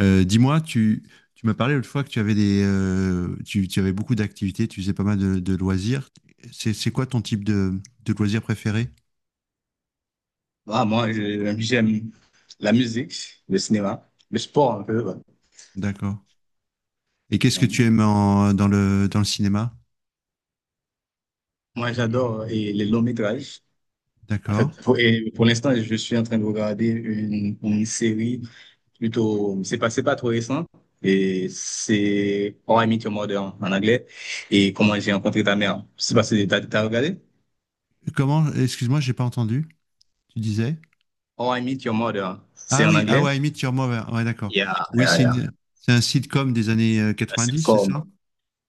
Dis-moi, tu m'as parlé l'autre fois que tu avais tu avais beaucoup d'activités, tu faisais pas mal de loisirs. C'est quoi ton type de loisir préféré? Ah, moi, j'aime la musique, le cinéma, le sport un peu. Ouais. D'accord. Et qu'est-ce que Donc, tu aimes dans le cinéma? moi, j'adore les longs métrages. En fait, D'accord. Pour l'instant, je suis en train de regarder une série plutôt. C'est pas trop récent. Et c'est How I Met Your Mother en anglais et Comment j'ai rencontré ta mère. Je sais pas si t'as regardé. Comment, excuse-moi, j'ai pas entendu. Tu disais? How I Met Your Mother, c'est Ah en oui, ah anglais. ouais, I Meet Your Mother. Ouais, d'accord. Yeah, Oui, yeah, yeah. C'est un sitcom des années C'est dix, c'est comme. ça?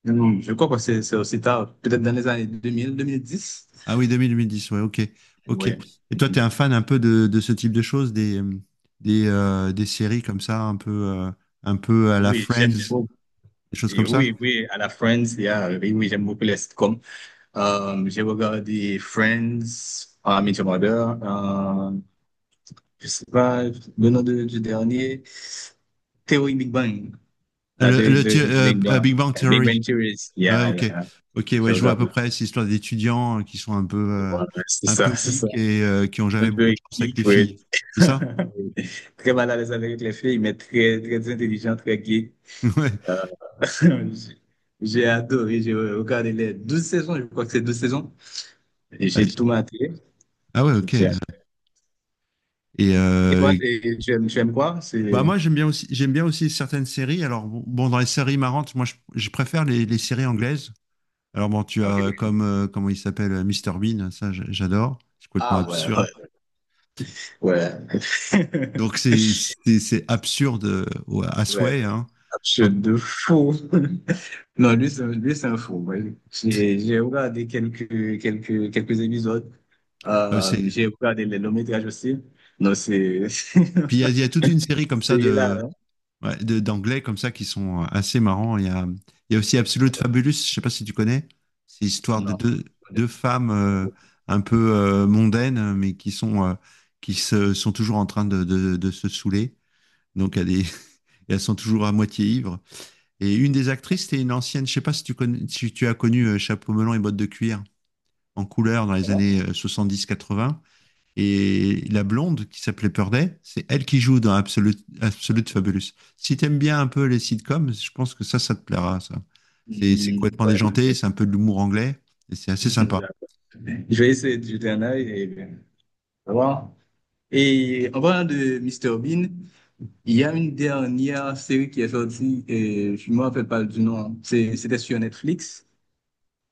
Je crois que c'est aussi tard, peut-être dans les années deux mille dix. Ah oui, 2010, ouais, ok. Ok. Et Ouais. toi, tu es un fan un peu de ce type de choses, des séries comme ça, un peu à la Oui, j'aime Friends, beaucoup. des choses Et comme ça? oui, oui, à la Friends, oui, oui, j'aime beaucoup les sitcoms. J'ai regardé Friends, How I Met Your Mother, je sais pas, le du dernier, Théorie Big Bang, Ah, la théorie du Big Bang. Big Bang Big Bang Theory. Theories, Ouais, yeah, ok. yeah, Ok, j'ai ouais, je vois à regardé. peu près cette histoire d'étudiants qui sont Voilà, c'est un peu ça, c'est ça. geeks et qui ont Un jamais beaucoup de peu chance geek, avec les oui. filles. C'est ça? Très mal à l'aise avec les filles, mais très, très intelligent, très geek. Euh, J'ai j'ai adoré, j'ai regardé les 12 saisons, je crois que c'est 12 saisons, et j'ai tout Ouais. maté. Ah ouais, Je ok. t'y ai- Et Et toi, euh, tu aimes quoi? Bah C'est... moi j'aime bien aussi certaines séries. Alors bon, dans les séries marrantes, moi je préfère les séries anglaises. Alors bon, tu Ah, ok, as oui. comme comment il s'appelle, Mr Bean, ça j'adore. C'est complètement Ah, ouais, ouais. absurde. Ouais, Donc c'est absurde, à ouais, souhait, hein. Quand- absurde de fou. Non, lui, c'est un fou. Ouais. J'ai regardé quelques épisodes. euh, c'est- J'ai regardé les longs métrages aussi. Non, c'est... Puis il y a toute une série comme ça C'est là, de. hein. Ouais, d'anglais comme ça qui sont assez marrants. Il y a aussi Absolute Fabulous, je sais pas si tu connais. C'est l'histoire de Non, on n'est deux femmes pas d'accord. un peu mondaines, mais qui sont toujours en train de se saouler. Donc elles, est- Elles sont toujours à moitié ivres. Et une des actrices, c'était une ancienne, je sais pas si tu connais, si tu as connu Chapeau melon et bottes de cuir en couleur dans les Comment? années soixante-dix quatre-vingts, et la blonde qui s'appelait Purday, c'est elle qui joue dans Absolute Fabulous. Si t'aimes bien un peu les sitcoms, je pense que ça te plaira, ça. C'est Hmm, complètement déjanté, ouais. c'est un peu de l'humour anglais, et c'est assez sympa. Je vais essayer de jeter un œil et voir. Et en parlant de Mister Bean, il y a une dernière série qui est sortie, et je ne me rappelle pas du nom. C'était sur Netflix.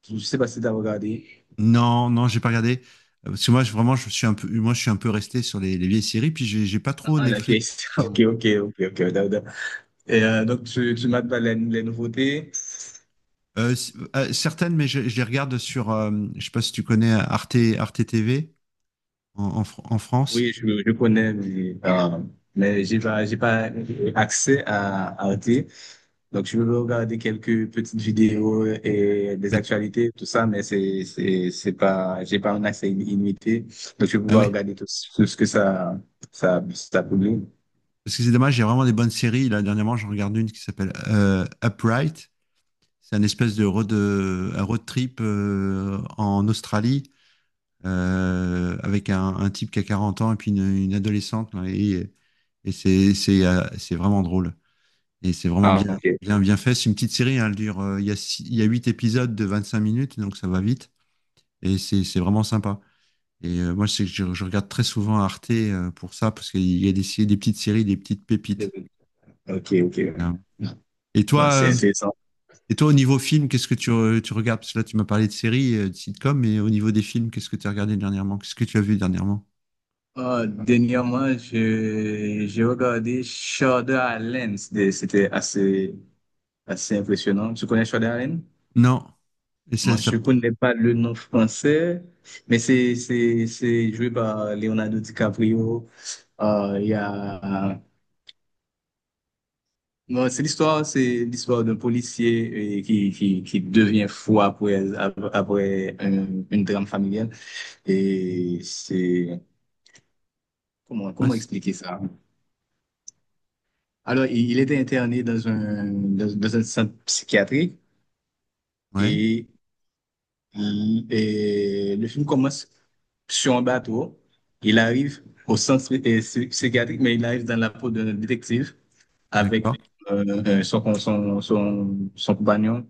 Je ne sais pas si tu as regardé. Non, non, j'ai pas regardé. Parce que moi, vraiment, je suis un peu, moi, je suis un peu resté sur les vieilles séries, puis j'ai pas trop Ah, la Netflix. vieille série. Ok, Pardon. ok, ok, ok, d'accord. Et, donc, tu m'as parlé les nouveautés. Certaines, mais je les regarde sur, je sais pas si tu connais Arte TV en France. Oui, je connais, mais, j'ai pas accès à Arte. Donc, je veux regarder quelques petites vidéos et des Mais- actualités, tout ça, mais c'est pas, j'ai pas un accès illimité. Donc, je vais ah pouvoir oui. regarder tout ce que ça publie. Parce que c'est dommage, il y a vraiment des bonnes séries. Là, dernièrement, j'en regarde une qui s'appelle Upright. C'est un espèce de road trip en Australie, avec un type qui a 40 ans et puis une adolescente là. Et c'est vraiment drôle. Et c'est vraiment Ah, bien, ok. bien, bien fait. C'est une petite série, hein. Elle dure, il y a 8 épisodes de 25 minutes, donc ça va vite. Et c'est vraiment sympa. Moi, c'est que je regarde très souvent Arte pour ça, parce qu'il y a des petites séries, des petites pépites. Ok, ok. Hein. Et Bah, toi, c'est euh, intéressant. et toi, au niveau film, qu'est-ce que tu regardes? Parce que là, tu m'as parlé de séries, de sitcoms, mais au niveau des films, qu'est-ce que tu as regardé dernièrement? Qu'est-ce que tu as vu dernièrement? Dernièrement, j'ai regardé Shonda Rhimes. C'était assez, assez impressionnant. Tu connais Shonda Rhimes? Non. Et ça, Moi, ça je connais pas le nom français, mais c'est joué par Leonardo DiCaprio. Il y a bon, c'est l'histoire d'un policier qui devient fou après une drame familiale et c'est comment passe. expliquer ça? Alors, il était interné dans dans un centre psychiatrique Ouais, et. Mhm. Et le film commence sur un bateau. Il arrive au centre psychiatrique, mais il arrive dans la peau d'un détective avec d'accord. Son, con- son, son, son compagnon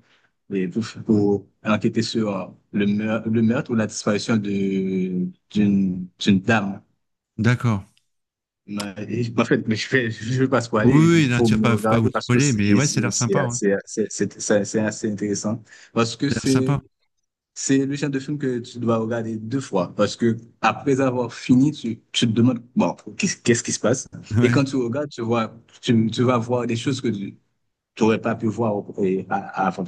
et pour enquêter sur le meurtre ou la disparition d'une dame. D'accord. Mais, en fait, je vais pas Oui, spoiler, oui, il oui, là, faut tu vas me pas, faut pas vous regarder parce que spoiler, mais ouais, ça a l'air sympa, hein. C'est assez intéressant. Parce Ça que a l'air sympa. C'est le genre de film que tu dois regarder deux fois parce que après avoir fini, tu te demandes, bon, qu'est-ce qui se passe? Et Ouais. quand tu regardes, tu vois, tu vas voir des choses que tu n'aurais pas pu voir avant.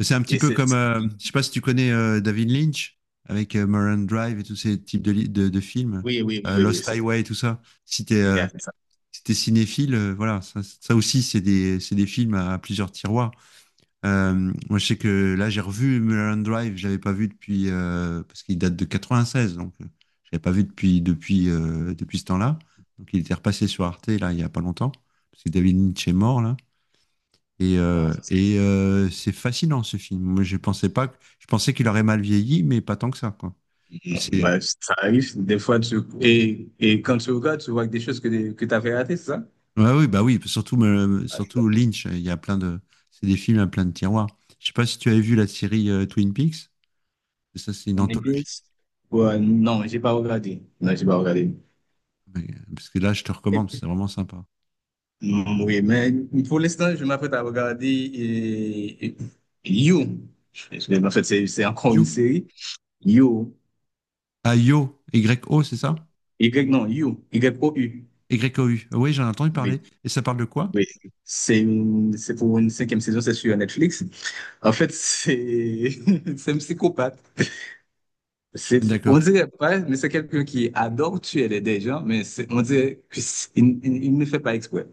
C'est un petit Et peu c'est, comme, je sais pas si tu connais David Lynch avec Mulholland Drive et tous ces types de films, oui, Lost c'est Highway, tout ça. Il c'est ça. Si t'es cinéphile, voilà, ça aussi, c'est des films à plusieurs tiroirs. Euh, Moi, je sais que là, j'ai revu Mulholland Drive, je l'avais pas vu parce qu'il date de 96, donc je l'avais pas vu depuis ce temps-là. Donc, il était repassé sur Arte, là, il y a pas longtemps, parce que David Lynch est mort, là. Ah, C'est fascinant, ce film. Moi, je pensais pas, que- je pensais qu'il aurait mal vieilli, mais pas tant que ça, quoi. C'est, bah, ça arrive, des fois, et quand tu regardes, tu vois des choses que tu avais ratées, c'est ça? Ouais, oui, bah oui, surtout, Ah, je- surtout Lynch, il y a plein de, c'est des films à plein de tiroirs. Je sais pas si tu avais vu la série Twin Peaks, ça, c'est une On est anthologie. bien. Ouais, non, j'ai pas regardé. Non, j'ai pas regardé. Parce que là, je te recommande, c'est vraiment sympa. Oui, mais pour l'instant, je m'apprête à regarder You. Parce que, en fait, c'est encore une You. série. You. Ah, Yo, Y-O, c'est ça? Y, non, You. Y-O-U. Y-O-U. Ah, oui, j'en ai entendu Oui, parler. Et ça parle de quoi? oui. C'est pour une cinquième saison, c'est sur Netflix. En fait, c'est c'est un psychopathe. C'est, on D'accord. dirait pas, mais c'est quelqu'un qui adore tuer les des gens, mais on dirait qu'il ne fait pas exprès.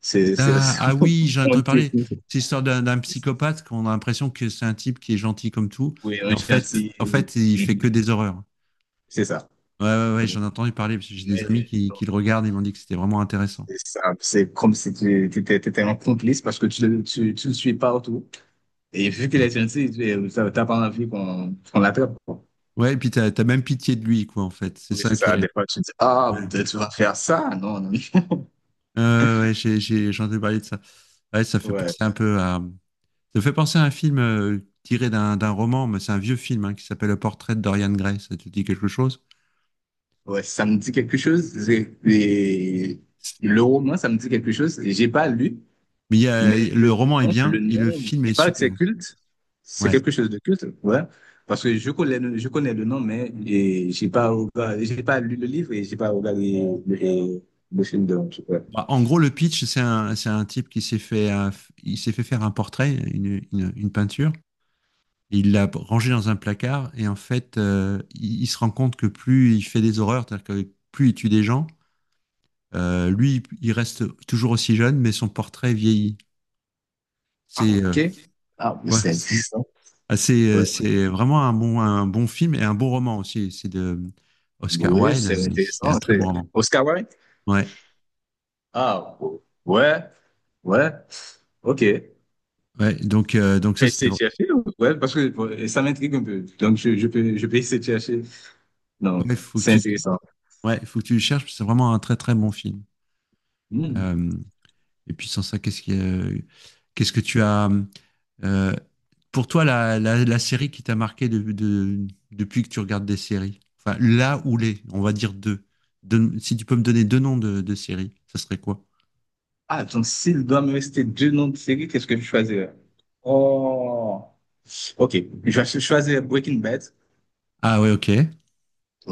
C'est, c'est, Ah, ah oui, j'en ai on entendu dirait parler. que- C'est l'histoire d'un psychopathe qu'on a l'impression que c'est un type qui est gentil comme tout. oui, Et un chantier. en fait, il fait Mhm. que des horreurs. C'est ça. Ouais, ouais, ouais, j'en ai entendu parler parce que j'ai des amis Mais qui le regardent et m'ont dit que c'était vraiment intéressant. c'est ça, c'est comme si étais un complice parce que tu le suis partout. Et vu qu'il est gentil, tu n'as pas envie qu'on l'attrape, quoi. Ouais, et puis t'as même pitié de lui, quoi, en fait. C'est Oui, ça c'est qui ça. est. Des fois, tu dis, Ouais, ah, peut-être tu vas faire ça. Non, non. ouais, ouais, j'ai entendu parler de ça. Ouais, ça fait Ouais, penser un peu à, Ça me fait penser à un film tiré d'un roman, mais c'est un vieux film, hein, qui s'appelle Le Portrait de Dorian Gray. Ça te dit quelque chose? ouais, ça me dit quelque chose. Le roman, ça me dit quelque chose. J'ai pas lu. Mais Le roman est le bien et le nom, film il est paraît que c'est super. culte. C'est Ouais. quelque chose de culte, ouais. Parce que je connais le nom, mais j'ai pas j'ai pas lu le livre et j'ai pas regardé le, le film de ouais. Bah, en gros, le pitch, c'est un type qui il s'est fait faire un portrait, une peinture. Et il l'a rangé dans un placard et en fait, il se rend compte que plus il fait des horreurs, c'est-à-dire que plus il tue des gens, lui, il reste toujours aussi jeune, mais son portrait vieillit. Ah, C'est ok. Ah, mais Ouais. c'est intéressant. Ouais. C'est vraiment un bon film et un bon roman aussi. C'est de Oscar Oui, Wilde. c'est C'est un intéressant. très C'est bon roman. Oscar Wilde? Ouais, Ah, ouais, ouais, ok. Je ouais. Donc ça, vais c'était essayer de vrai. chercher, ouais, parce que bon, ça m'intrigue un peu. Donc, je peux essayer de chercher. Non, Ouais, faut que c'est tu, intéressant. ouais, faut que tu le cherches, parce que c'est vraiment un très très bon film. Hmm. Euh, et puis sans ça, qu'est-ce que tu as euh, pour toi la série qui t'a marqué depuis que tu regardes des séries? Enfin, là ou les, on va dire deux. Si tu peux me donner deux noms de séries, ça serait quoi? Ah, donc s'il doit me rester deux noms de série, qu'est-ce que je choisirais? Oh, ok. Je vais choisir Breaking Bad. Ah ouais, ok.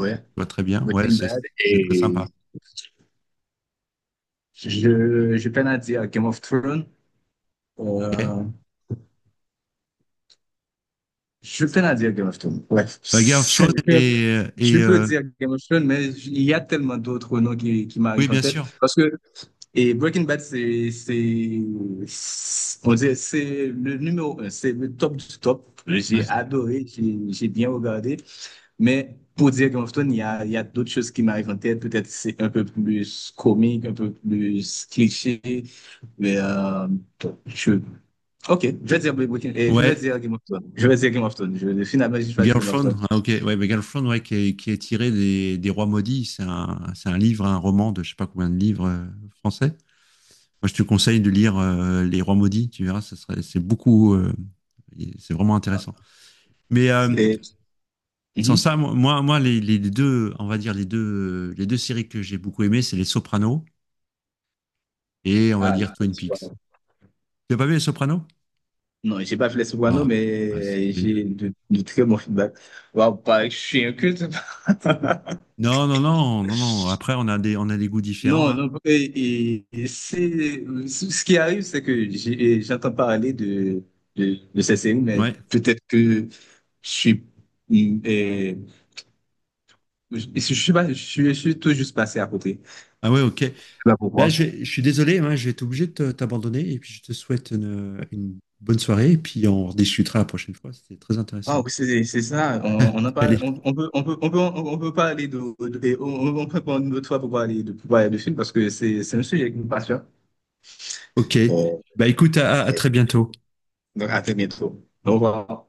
Ok, je vois très bien. Ouais, Breaking Bad. c'est très Et sympa. Je peine à dire Game of Thrones. Ok. Euh, je peine à dire Game of Thrones. Ouais. C'est- Girlfriend Je peux dire Game of Thrones, mais il y a tellement d'autres noms qui oui, m'arrivent en bien tête. sûr. Parce que. Et Breaking Bad, on dirait, c'est le numéro un, c'est le top du top. J'ai Ouais, adoré, j'ai bien regardé. Mais pour dire Game of Thrones, il y a d'autres choses qui m'arrivent en tête. Peut-être c'est un peu plus comique, un peu plus cliché. Mais je... Ok, je vais dire je vais ouais, dire Game of Thrones. Je vais dire Game of Thrones. Je- finalement, j'ai choisi Game of Girlfriend. Thrones. Ah, ok, ouais, mais Girlfriend, ouais, qui est tiré des Rois Maudits. C'est un livre, un roman de je sais pas combien de livres français. Moi, je te conseille de lire Les Rois Maudits. Tu verras, c'est beaucoup, et c'est vraiment Ah, intéressant. Mais euh, c'est- Sans Mhm. ça, moi, les deux, on va dire les deux séries que j'ai beaucoup aimées, c'est Les Sopranos et on va Ah, là, dire Twin c'est Peaks. bon. Tu as pas vu Les Sopranos? Non, j'ai pas fait les sopranos, Ah, ah, c'est mais génial. j'ai de très bons feedbacks. Waouh, pareil, je suis un culte. Non, non, non, non, non. Après, on a des goûts différents, Non, hein. Ce qui arrive, c'est que j'entends parler de ces séries, mais Ouais. peut-être que suis, mm, et je suis pas, je suis tout juste passé à côté. Ah ouais, ok. Je sais pas Là, pourquoi. Je suis désolé, hein, je vais être obligé de t'abandonner. Et puis, je te souhaite une bonne soirée. Et puis, on rediscutera la prochaine fois. C'était très Ah intéressant. oui, c'est ça. On en parle, Allez, on peut parler de- et on, on peut prendre une autre fois pour parler pour parler de films parce que c'est un sujet qui me passionne. ok. Bon, Bah écoute, à très bientôt. donc à très bientôt. Au revoir.